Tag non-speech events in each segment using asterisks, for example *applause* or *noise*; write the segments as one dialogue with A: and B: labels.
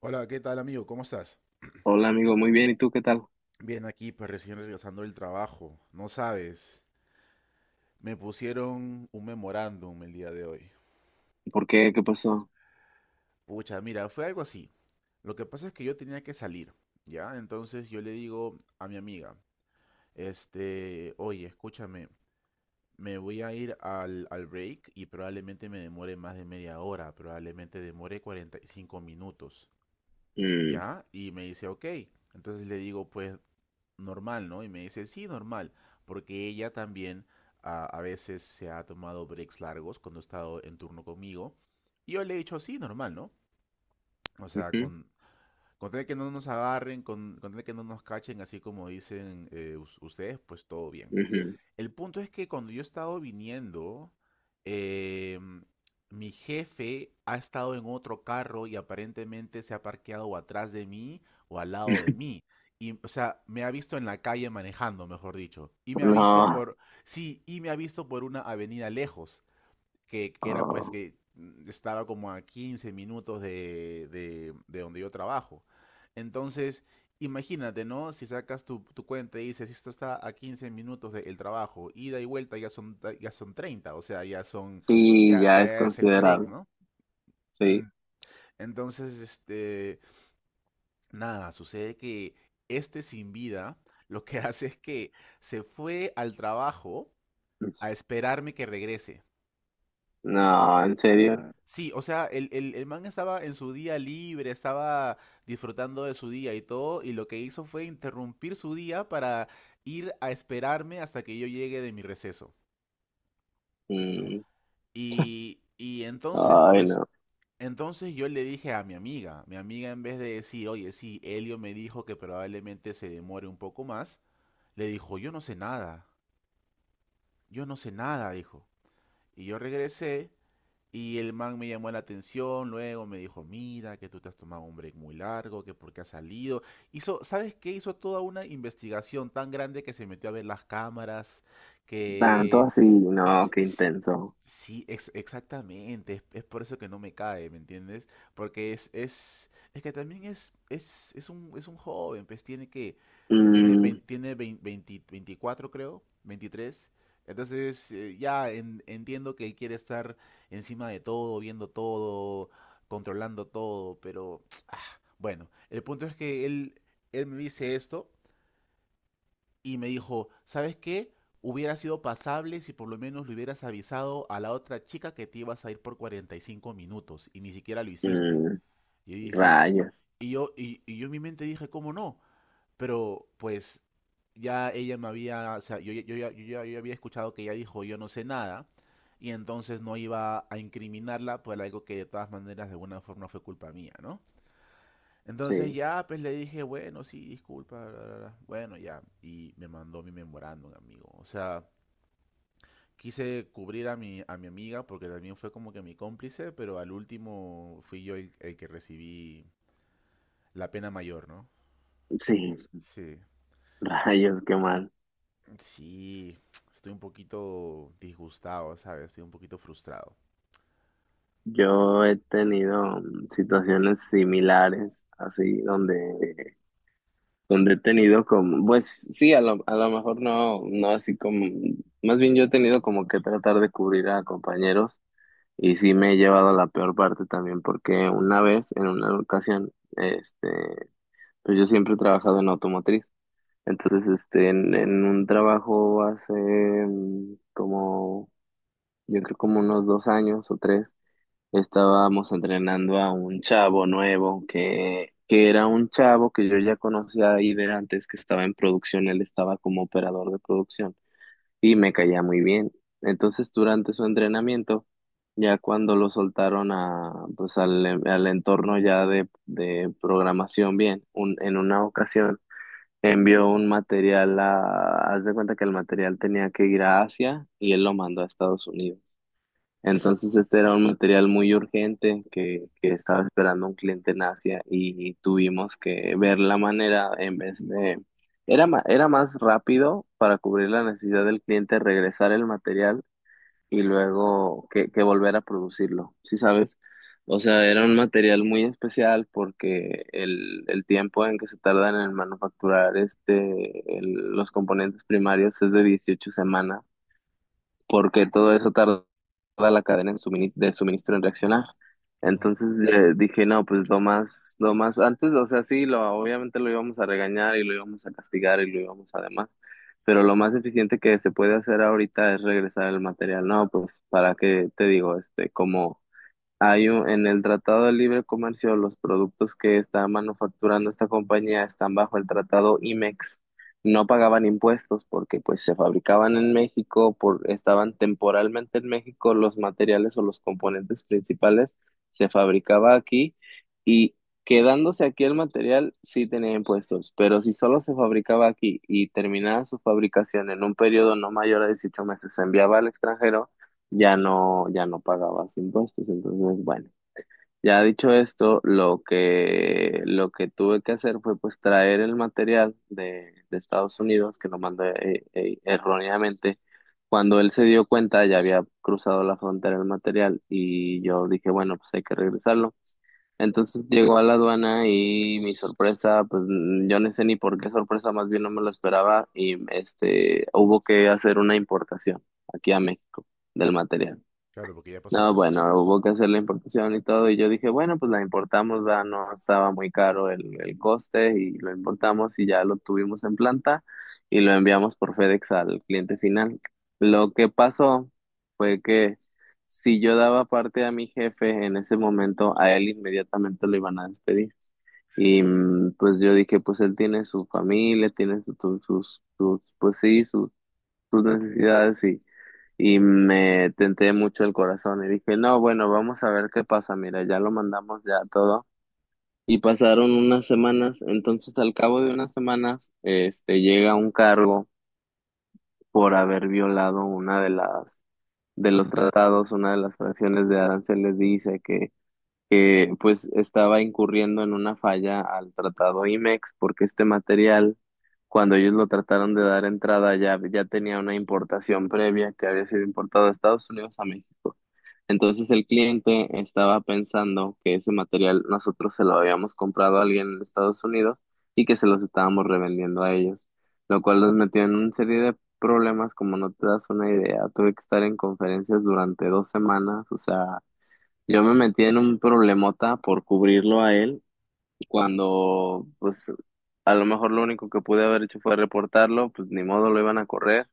A: Hola, ¿qué tal amigo? ¿Cómo estás?
B: Hola amigo, muy bien, ¿y tú qué tal?
A: Bien, aquí pues recién regresando del trabajo. No sabes, me pusieron un memorándum el día de hoy.
B: ¿Por qué? ¿Qué pasó?
A: Pucha, mira, fue algo así. Lo que pasa es que yo tenía que salir, ¿ya? Entonces yo le digo a mi amiga, este, oye, escúchame, me voy a ir al break y probablemente me demore más de media hora, probablemente demore 45 minutos,
B: Mm,
A: ¿ya? Y me dice, ok. Entonces le digo, pues normal, ¿no? Y me dice, sí, normal, porque ella también a veces se ha tomado breaks largos cuando ha estado en turno conmigo. Y yo le he dicho, sí, normal, ¿no? O sea,
B: ujú,
A: con tal de que no nos agarren, con tal de que no nos cachen, así como dicen ustedes, pues todo bien.
B: ujú.
A: El punto es que cuando yo he estado viniendo, eh, mi jefe ha estado en otro carro y aparentemente se ha parqueado o atrás de mí o al lado de
B: *laughs*
A: mí. Y, o sea, me ha visto en la calle manejando, mejor dicho. Y me ha visto
B: No,
A: por, sí, y me ha visto por una avenida lejos que era pues
B: ah,
A: que estaba como a 15 minutos de donde yo trabajo. Entonces, imagínate, ¿no? Si sacas tu cuenta y dices, esto está a 15 minutos del trabajo, ida y vuelta ya son 30, o sea, ya son,
B: sí,
A: ya,
B: ya es
A: ya es el break,
B: considerable,
A: ¿no? Mm,
B: sí.
A: Entonces, este, nada, sucede que este sin vida lo que *laughs* hace es que se fue al trabajo a esperarme que regrese.
B: No, en serio.
A: Sí, o sea, el man estaba en su día libre, estaba disfrutando de su día y todo, y lo que hizo fue interrumpir su día para ir a esperarme hasta que yo llegue de mi receso.
B: Mm,
A: Y entonces,
B: ay,
A: pues,
B: no,
A: entonces yo le dije a mi amiga en vez de decir, oye, sí, Elio me dijo que probablemente se demore un poco más, le dijo, yo no sé nada, yo no sé nada, dijo. Y yo regresé. Y el man me llamó la atención, luego me dijo, mira, que tú te has tomado un break muy largo, que por qué has salido. Hizo, ¿sabes qué? Hizo toda una investigación tan grande que se metió a ver las cámaras,
B: tanto
A: que...
B: así, no,
A: Sí,
B: qué
A: sí,
B: intenso.
A: sí, exactamente, es por eso que no me cae, ¿me entiendes? Porque es que también es un joven, pues tiene que
B: Mm,
A: tiene vein- 20 24, creo, 23. Entonces, ya entiendo que él quiere estar encima de todo, viendo todo, controlando todo, pero *tsk* bueno, el punto es que él me dice esto y me dijo, ¿sabes qué? Hubiera sido pasable si por lo menos le hubieras avisado a la otra chica que te ibas a ir por 45 minutos y ni siquiera lo hiciste.
B: mm,
A: Y yo dije,
B: rayos,
A: y yo en mi mente dije, ¿cómo no? Pero pues ya ella me había, o sea, yo ya había escuchado que ella dijo yo no sé nada y entonces no iba a incriminarla por algo que de todas maneras de alguna forma fue culpa mía, ¿no? Entonces
B: sí,
A: ya pues le dije, bueno, sí, disculpa, bla, bla, bla. Bueno, ya, y me mandó mi memorándum, amigo. O sea, quise cubrir a mi amiga porque también fue como que mi cómplice, pero al último fui yo el que recibí la pena mayor, ¿no?
B: sí,
A: Sí.
B: *laughs* rayos, qué mal.
A: Sí, estoy un poquito disgustado, ¿sabes? Estoy un poquito frustrado.
B: Yo he tenido situaciones similares, así, donde son detenidos como, pues sí, a lo mejor no, no así como, más bien yo he tenido como que tratar de cubrir a compañeros y sí me he llevado a la peor parte también porque una vez, en una ocasión, este, pues yo siempre he trabajado en automotriz. Entonces este, en un trabajo hace como, yo creo como unos 2 años o tres, estábamos entrenando a un chavo nuevo que era un chavo que yo ya conocía ahí de antes, que estaba en producción, él estaba como operador de producción y me caía muy bien. Entonces, durante su entrenamiento, ya cuando lo soltaron a, pues al entorno ya de programación bien, en una ocasión envió un material a, haz de cuenta que el material tenía que ir a Asia y él lo mandó a Estados Unidos. Entonces este era un material muy urgente que estaba esperando un cliente en Asia y tuvimos que ver la manera en vez de... Era más rápido para cubrir la necesidad del cliente regresar el material y luego que volver a producirlo, ¿sí sabes? O sea, era un material muy especial porque el tiempo en que se tardan en manufacturar este, los componentes primarios es de 18 semanas porque todo eso tarda la cadena de suministro en reaccionar.
A: Ujú.
B: Entonces dije, no, pues lo más, antes, o sea, sí, lo, obviamente lo íbamos a regañar y lo íbamos a castigar y lo íbamos además, pero lo más eficiente que se puede hacer ahorita es regresar el material, ¿no? Pues para qué te digo, este, como hay en el Tratado de Libre Comercio, los productos que está manufacturando esta compañía están bajo el Tratado IMEX. No pagaban impuestos porque pues se fabricaban en México, por, estaban temporalmente en México, los materiales o los componentes principales se fabricaba aquí y quedándose aquí el material sí tenía impuestos, pero si solo se fabricaba aquí y terminaba su fabricación en un periodo no mayor a 18 meses, se enviaba al extranjero ya no, ya no pagabas impuestos. Entonces, bueno, ya dicho esto, lo que tuve que hacer fue pues traer el material de Estados Unidos, que lo mandé erróneamente. Cuando él se dio cuenta, ya había cruzado la frontera el material y yo dije, bueno, pues hay que regresarlo. Entonces llegó a la aduana y mi sorpresa, pues yo no sé ni por qué sorpresa, más bien no me lo esperaba y este, hubo que hacer una importación aquí a México del material.
A: Claro, porque ya pasó la
B: No,
A: frontera,
B: bueno,
A: ¿no?
B: hubo que hacer la importación y todo, y yo dije, bueno, pues la importamos, ¿verdad? No estaba muy caro el coste y lo importamos y ya lo tuvimos en planta y lo enviamos por FedEx al cliente final. Lo que pasó fue que si yo daba parte a mi jefe en ese momento, a él inmediatamente lo iban a despedir. Y pues yo dije, pues él tiene su familia, tiene sus, pues sí, sus necesidades y me tenté mucho el corazón y dije, no, bueno, vamos a ver qué pasa, mira, ya lo mandamos ya todo. Y pasaron unas semanas, entonces al cabo de unas semanas, este, llega un cargo por haber violado una de las, de los tratados, una de las fracciones de aranceles dice que pues estaba incurriendo en una falla al tratado IMEX porque este material cuando ellos lo trataron de dar entrada ya, ya tenía una importación previa que había sido importada de Estados Unidos a México. Entonces el cliente estaba pensando que ese material nosotros se lo habíamos comprado a alguien en Estados Unidos y que se los estábamos revendiendo a ellos, lo cual nos metió en una serie de problemas como no te das una idea. Tuve que estar en conferencias durante 2 semanas, o sea, yo me metí en un problemota por cubrirlo a él cuando pues a lo mejor lo único que pude haber hecho fue reportarlo, pues ni modo lo iban a correr.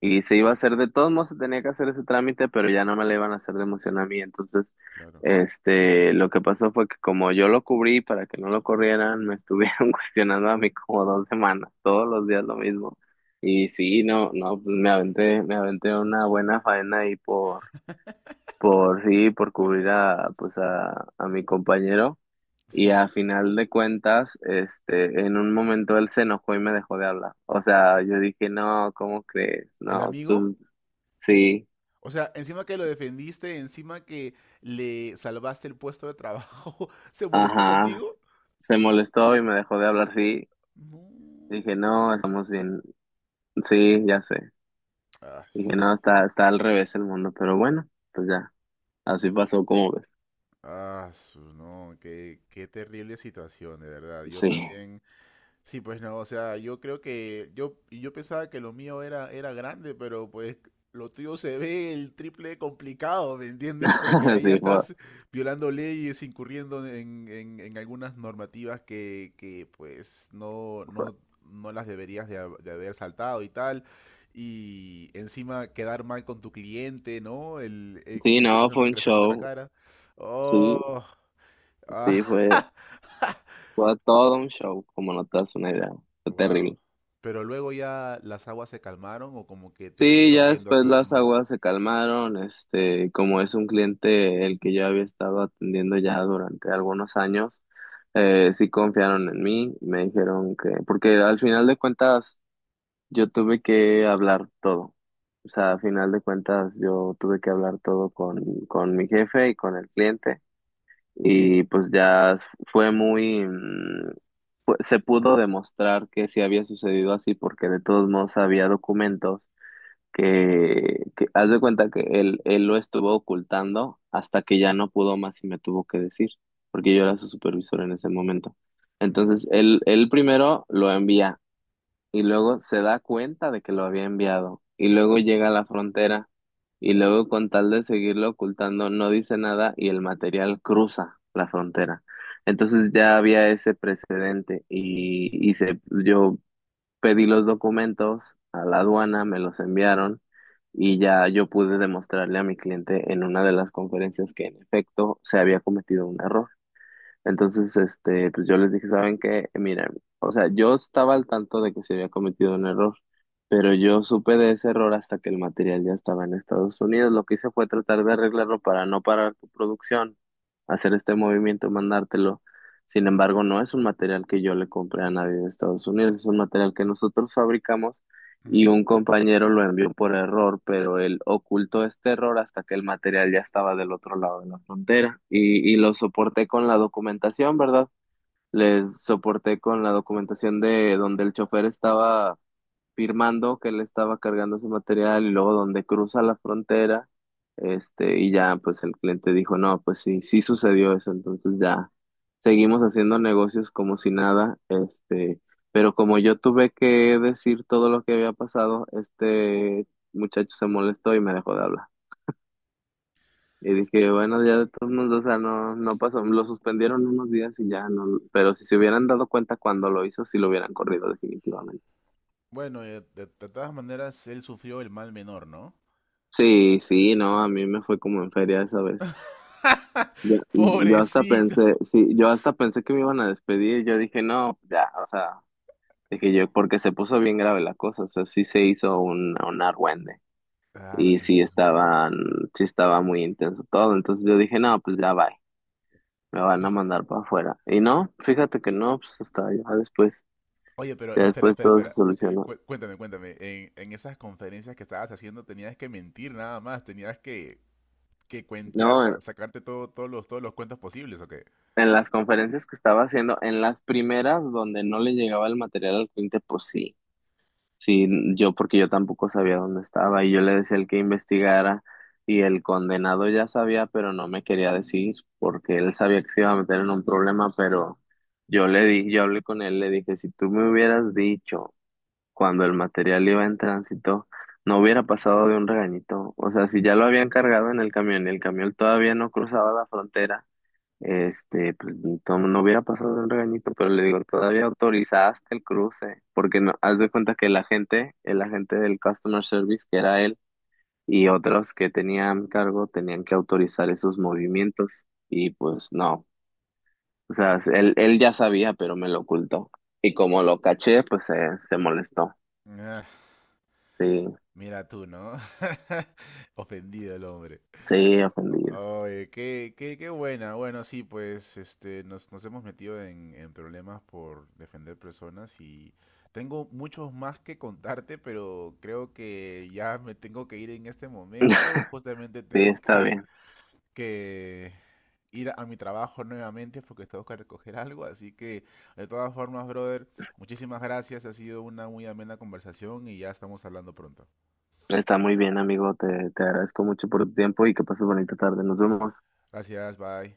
B: Y se iba a hacer, de todos modos se tenía que hacer ese trámite, pero ya no me le iban a hacer de emoción a mí. Entonces,
A: Claro.
B: este, lo que pasó fue que como yo lo cubrí para que no lo corrieran, me estuvieron *laughs* cuestionando a mí como 2 semanas, todos los días lo mismo. Y sí, no, no, pues me aventé una buena faena ahí por,
A: *laughs*
B: sí, por cubrir a, pues a mi compañero. Y
A: Sí,
B: a final de cuentas, este, en un momento él se enojó y me dejó de hablar. O sea, yo dije, no, ¿cómo crees?
A: el
B: No,
A: amigo,
B: tú, sí,
A: o sea, encima que lo defendiste, encima que le salvaste el puesto de trabajo, *laughs* ¿se molestó
B: ajá.
A: contigo?
B: Se molestó y me dejó de hablar, sí. Dije,
A: No.
B: no, estamos bien. Sí, ya sé.
A: Ah,
B: Dije, no,
A: s-
B: está, está al revés el mundo, pero bueno, pues ya. Así pasó como ves.
A: no, qué terrible situación, de verdad. Yo
B: Sí,
A: también. Sí, pues no, o sea, yo creo que yo y yo pensaba que lo mío era grande, pero pues lo tuyo se ve el triple de complicado, ¿me entiendes? Porque
B: *laughs*
A: ahí ya
B: sí,
A: estás violando leyes, incurriendo en algunas normativas pues no,
B: fue-
A: no, no las deberías de haber saltado y tal. Y encima quedar mal con tu cliente, ¿no? El
B: sí,
A: cliente
B: no, fue
A: pensando
B: un
A: que le está viendo la
B: show.
A: cara.
B: Sí,
A: Oh, ah.
B: sí, fue,
A: *laughs*
B: fue todo un show, como no te das una idea. Fue
A: Wow.
B: terrible.
A: Pero luego ya las aguas se calmaron o como que te
B: Sí,
A: siguieron
B: ya
A: viendo
B: después
A: así.
B: las
A: Mm,
B: aguas se calmaron, este, como es un cliente el que yo había estado atendiendo ya durante algunos años, sí confiaron en mí, me dijeron que, porque al final de cuentas yo tuve que hablar todo, o sea, al final de cuentas yo tuve que hablar todo con, mi jefe y con el cliente, y pues ya s- fue muy, mm, fue- se pudo demostrar que sí había sucedido así porque de todos modos había documentos que haz de cuenta que él lo estuvo ocultando hasta que ya no pudo más y me tuvo que decir, porque yo era su supervisor en ese momento.
A: ujú,
B: Entonces, él primero lo envía y luego se da cuenta de que lo había enviado y luego llega a la frontera y luego con tal de seguirlo ocultando no dice nada y el material cruza la frontera. Entonces ya había ese precedente yo pedí los documentos a la aduana, me los enviaron y ya yo pude demostrarle a mi cliente en una de las conferencias que en efecto se había cometido un error. Entonces, este, pues yo les dije, ¿saben qué? Miren, o sea, yo estaba al tanto de que se había cometido un error, pero yo supe de ese error hasta que el material ya estaba en Estados Unidos. Lo que hice fue tratar de arreglarlo para no parar tu producción, hacer este movimiento, mandártelo. Sin embargo, no es un material que yo le compré a nadie de Estados Unidos, es un material que nosotros fabricamos y
A: ujú.
B: un compañero lo envió por error, pero él ocultó este error hasta que el material ya estaba del otro lado de la frontera y lo soporté con la documentación, ¿verdad? Les soporté con la documentación de donde el chofer estaba firmando que él estaba cargando ese material y luego donde cruza la frontera, este, y ya pues el cliente dijo, no, pues sí, sí sucedió eso, entonces ya seguimos haciendo negocios como si nada, este, pero como yo tuve que decir todo lo que había pasado, este muchacho se molestó y me dejó de hablar. Y dije, bueno, ya de todos modos, o sea, no, no pasó, lo suspendieron unos días y ya no, pero si se hubieran dado cuenta cuando lo hizo, sí lo hubieran corrido definitivamente.
A: Bueno, de todas maneras, él sufrió el mal menor, ¿no?
B: Sí, sí,
A: Eh, el
B: no, a
A: mal-
B: mí me fue como en feria esa vez. Yo,
A: *laughs*
B: yo hasta
A: Pobrecito.
B: pensé, sí, yo hasta pensé que me iban a despedir. Yo dije, no, ya, o sea, dije yo, porque se puso bien grave la cosa, o sea, sí se hizo un argüende
A: Claro,
B: y
A: sí, sí, es un lío.
B: sí estaba muy intenso todo. Entonces yo dije, no, pues ya bye, me van a mandar para afuera. Y no, fíjate que no, pues hasta
A: Oye, pero
B: ya
A: espera,
B: después
A: espera,
B: todo se
A: espera.
B: solucionó.
A: Cuéntame, cuéntame. En esas conferencias que estabas haciendo tenías que mentir nada más, tenías que cuentear,
B: No,
A: sacarte todo, todos los cuentos posibles, ¿o qué?
B: en las conferencias que estaba haciendo, en las primeras donde no le llegaba el material al cliente, pues sí. Sí, yo porque yo tampoco sabía dónde estaba y yo le decía al que investigara y el condenado ya sabía, pero no me quería decir porque él sabía que se iba a meter en un problema, pero yo le di, yo hablé con él, le dije, si tú me hubieras dicho cuando el material iba en tránsito, no hubiera pasado de un regañito. O sea, si ya lo habían cargado en el camión y el camión todavía no cruzaba la frontera. Este, pues no, no hubiera pasado el regañito, pero le digo, todavía autorizaste el cruce, porque no, haz de cuenta que el agente del customer service, que era él, y otros que tenían cargo, tenían que autorizar esos movimientos, y pues no, o sea, él ya sabía, pero me lo ocultó, y como lo caché, pues se molestó,
A: Ah,
B: sí,
A: mira tú, ¿no? *laughs* Ofendido el hombre.
B: sí, ofendido.
A: Oye, qué buena. Bueno, sí, pues este, nos hemos metido en problemas por defender personas y tengo muchos más que contarte, pero creo que ya me tengo que ir en este momento.
B: *laughs*
A: Justamente
B: Sí,
A: tengo
B: está
A: que,
B: bien,
A: que ir a mi trabajo nuevamente porque tengo que recoger algo. Así que, de todas formas, brother, muchísimas gracias. Ha sido una muy amena conversación y ya estamos hablando pronto.
B: está muy bien, amigo, te
A: Listo.
B: agradezco mucho por tu tiempo y que pases bonita tarde, nos vemos.
A: Gracias, bye.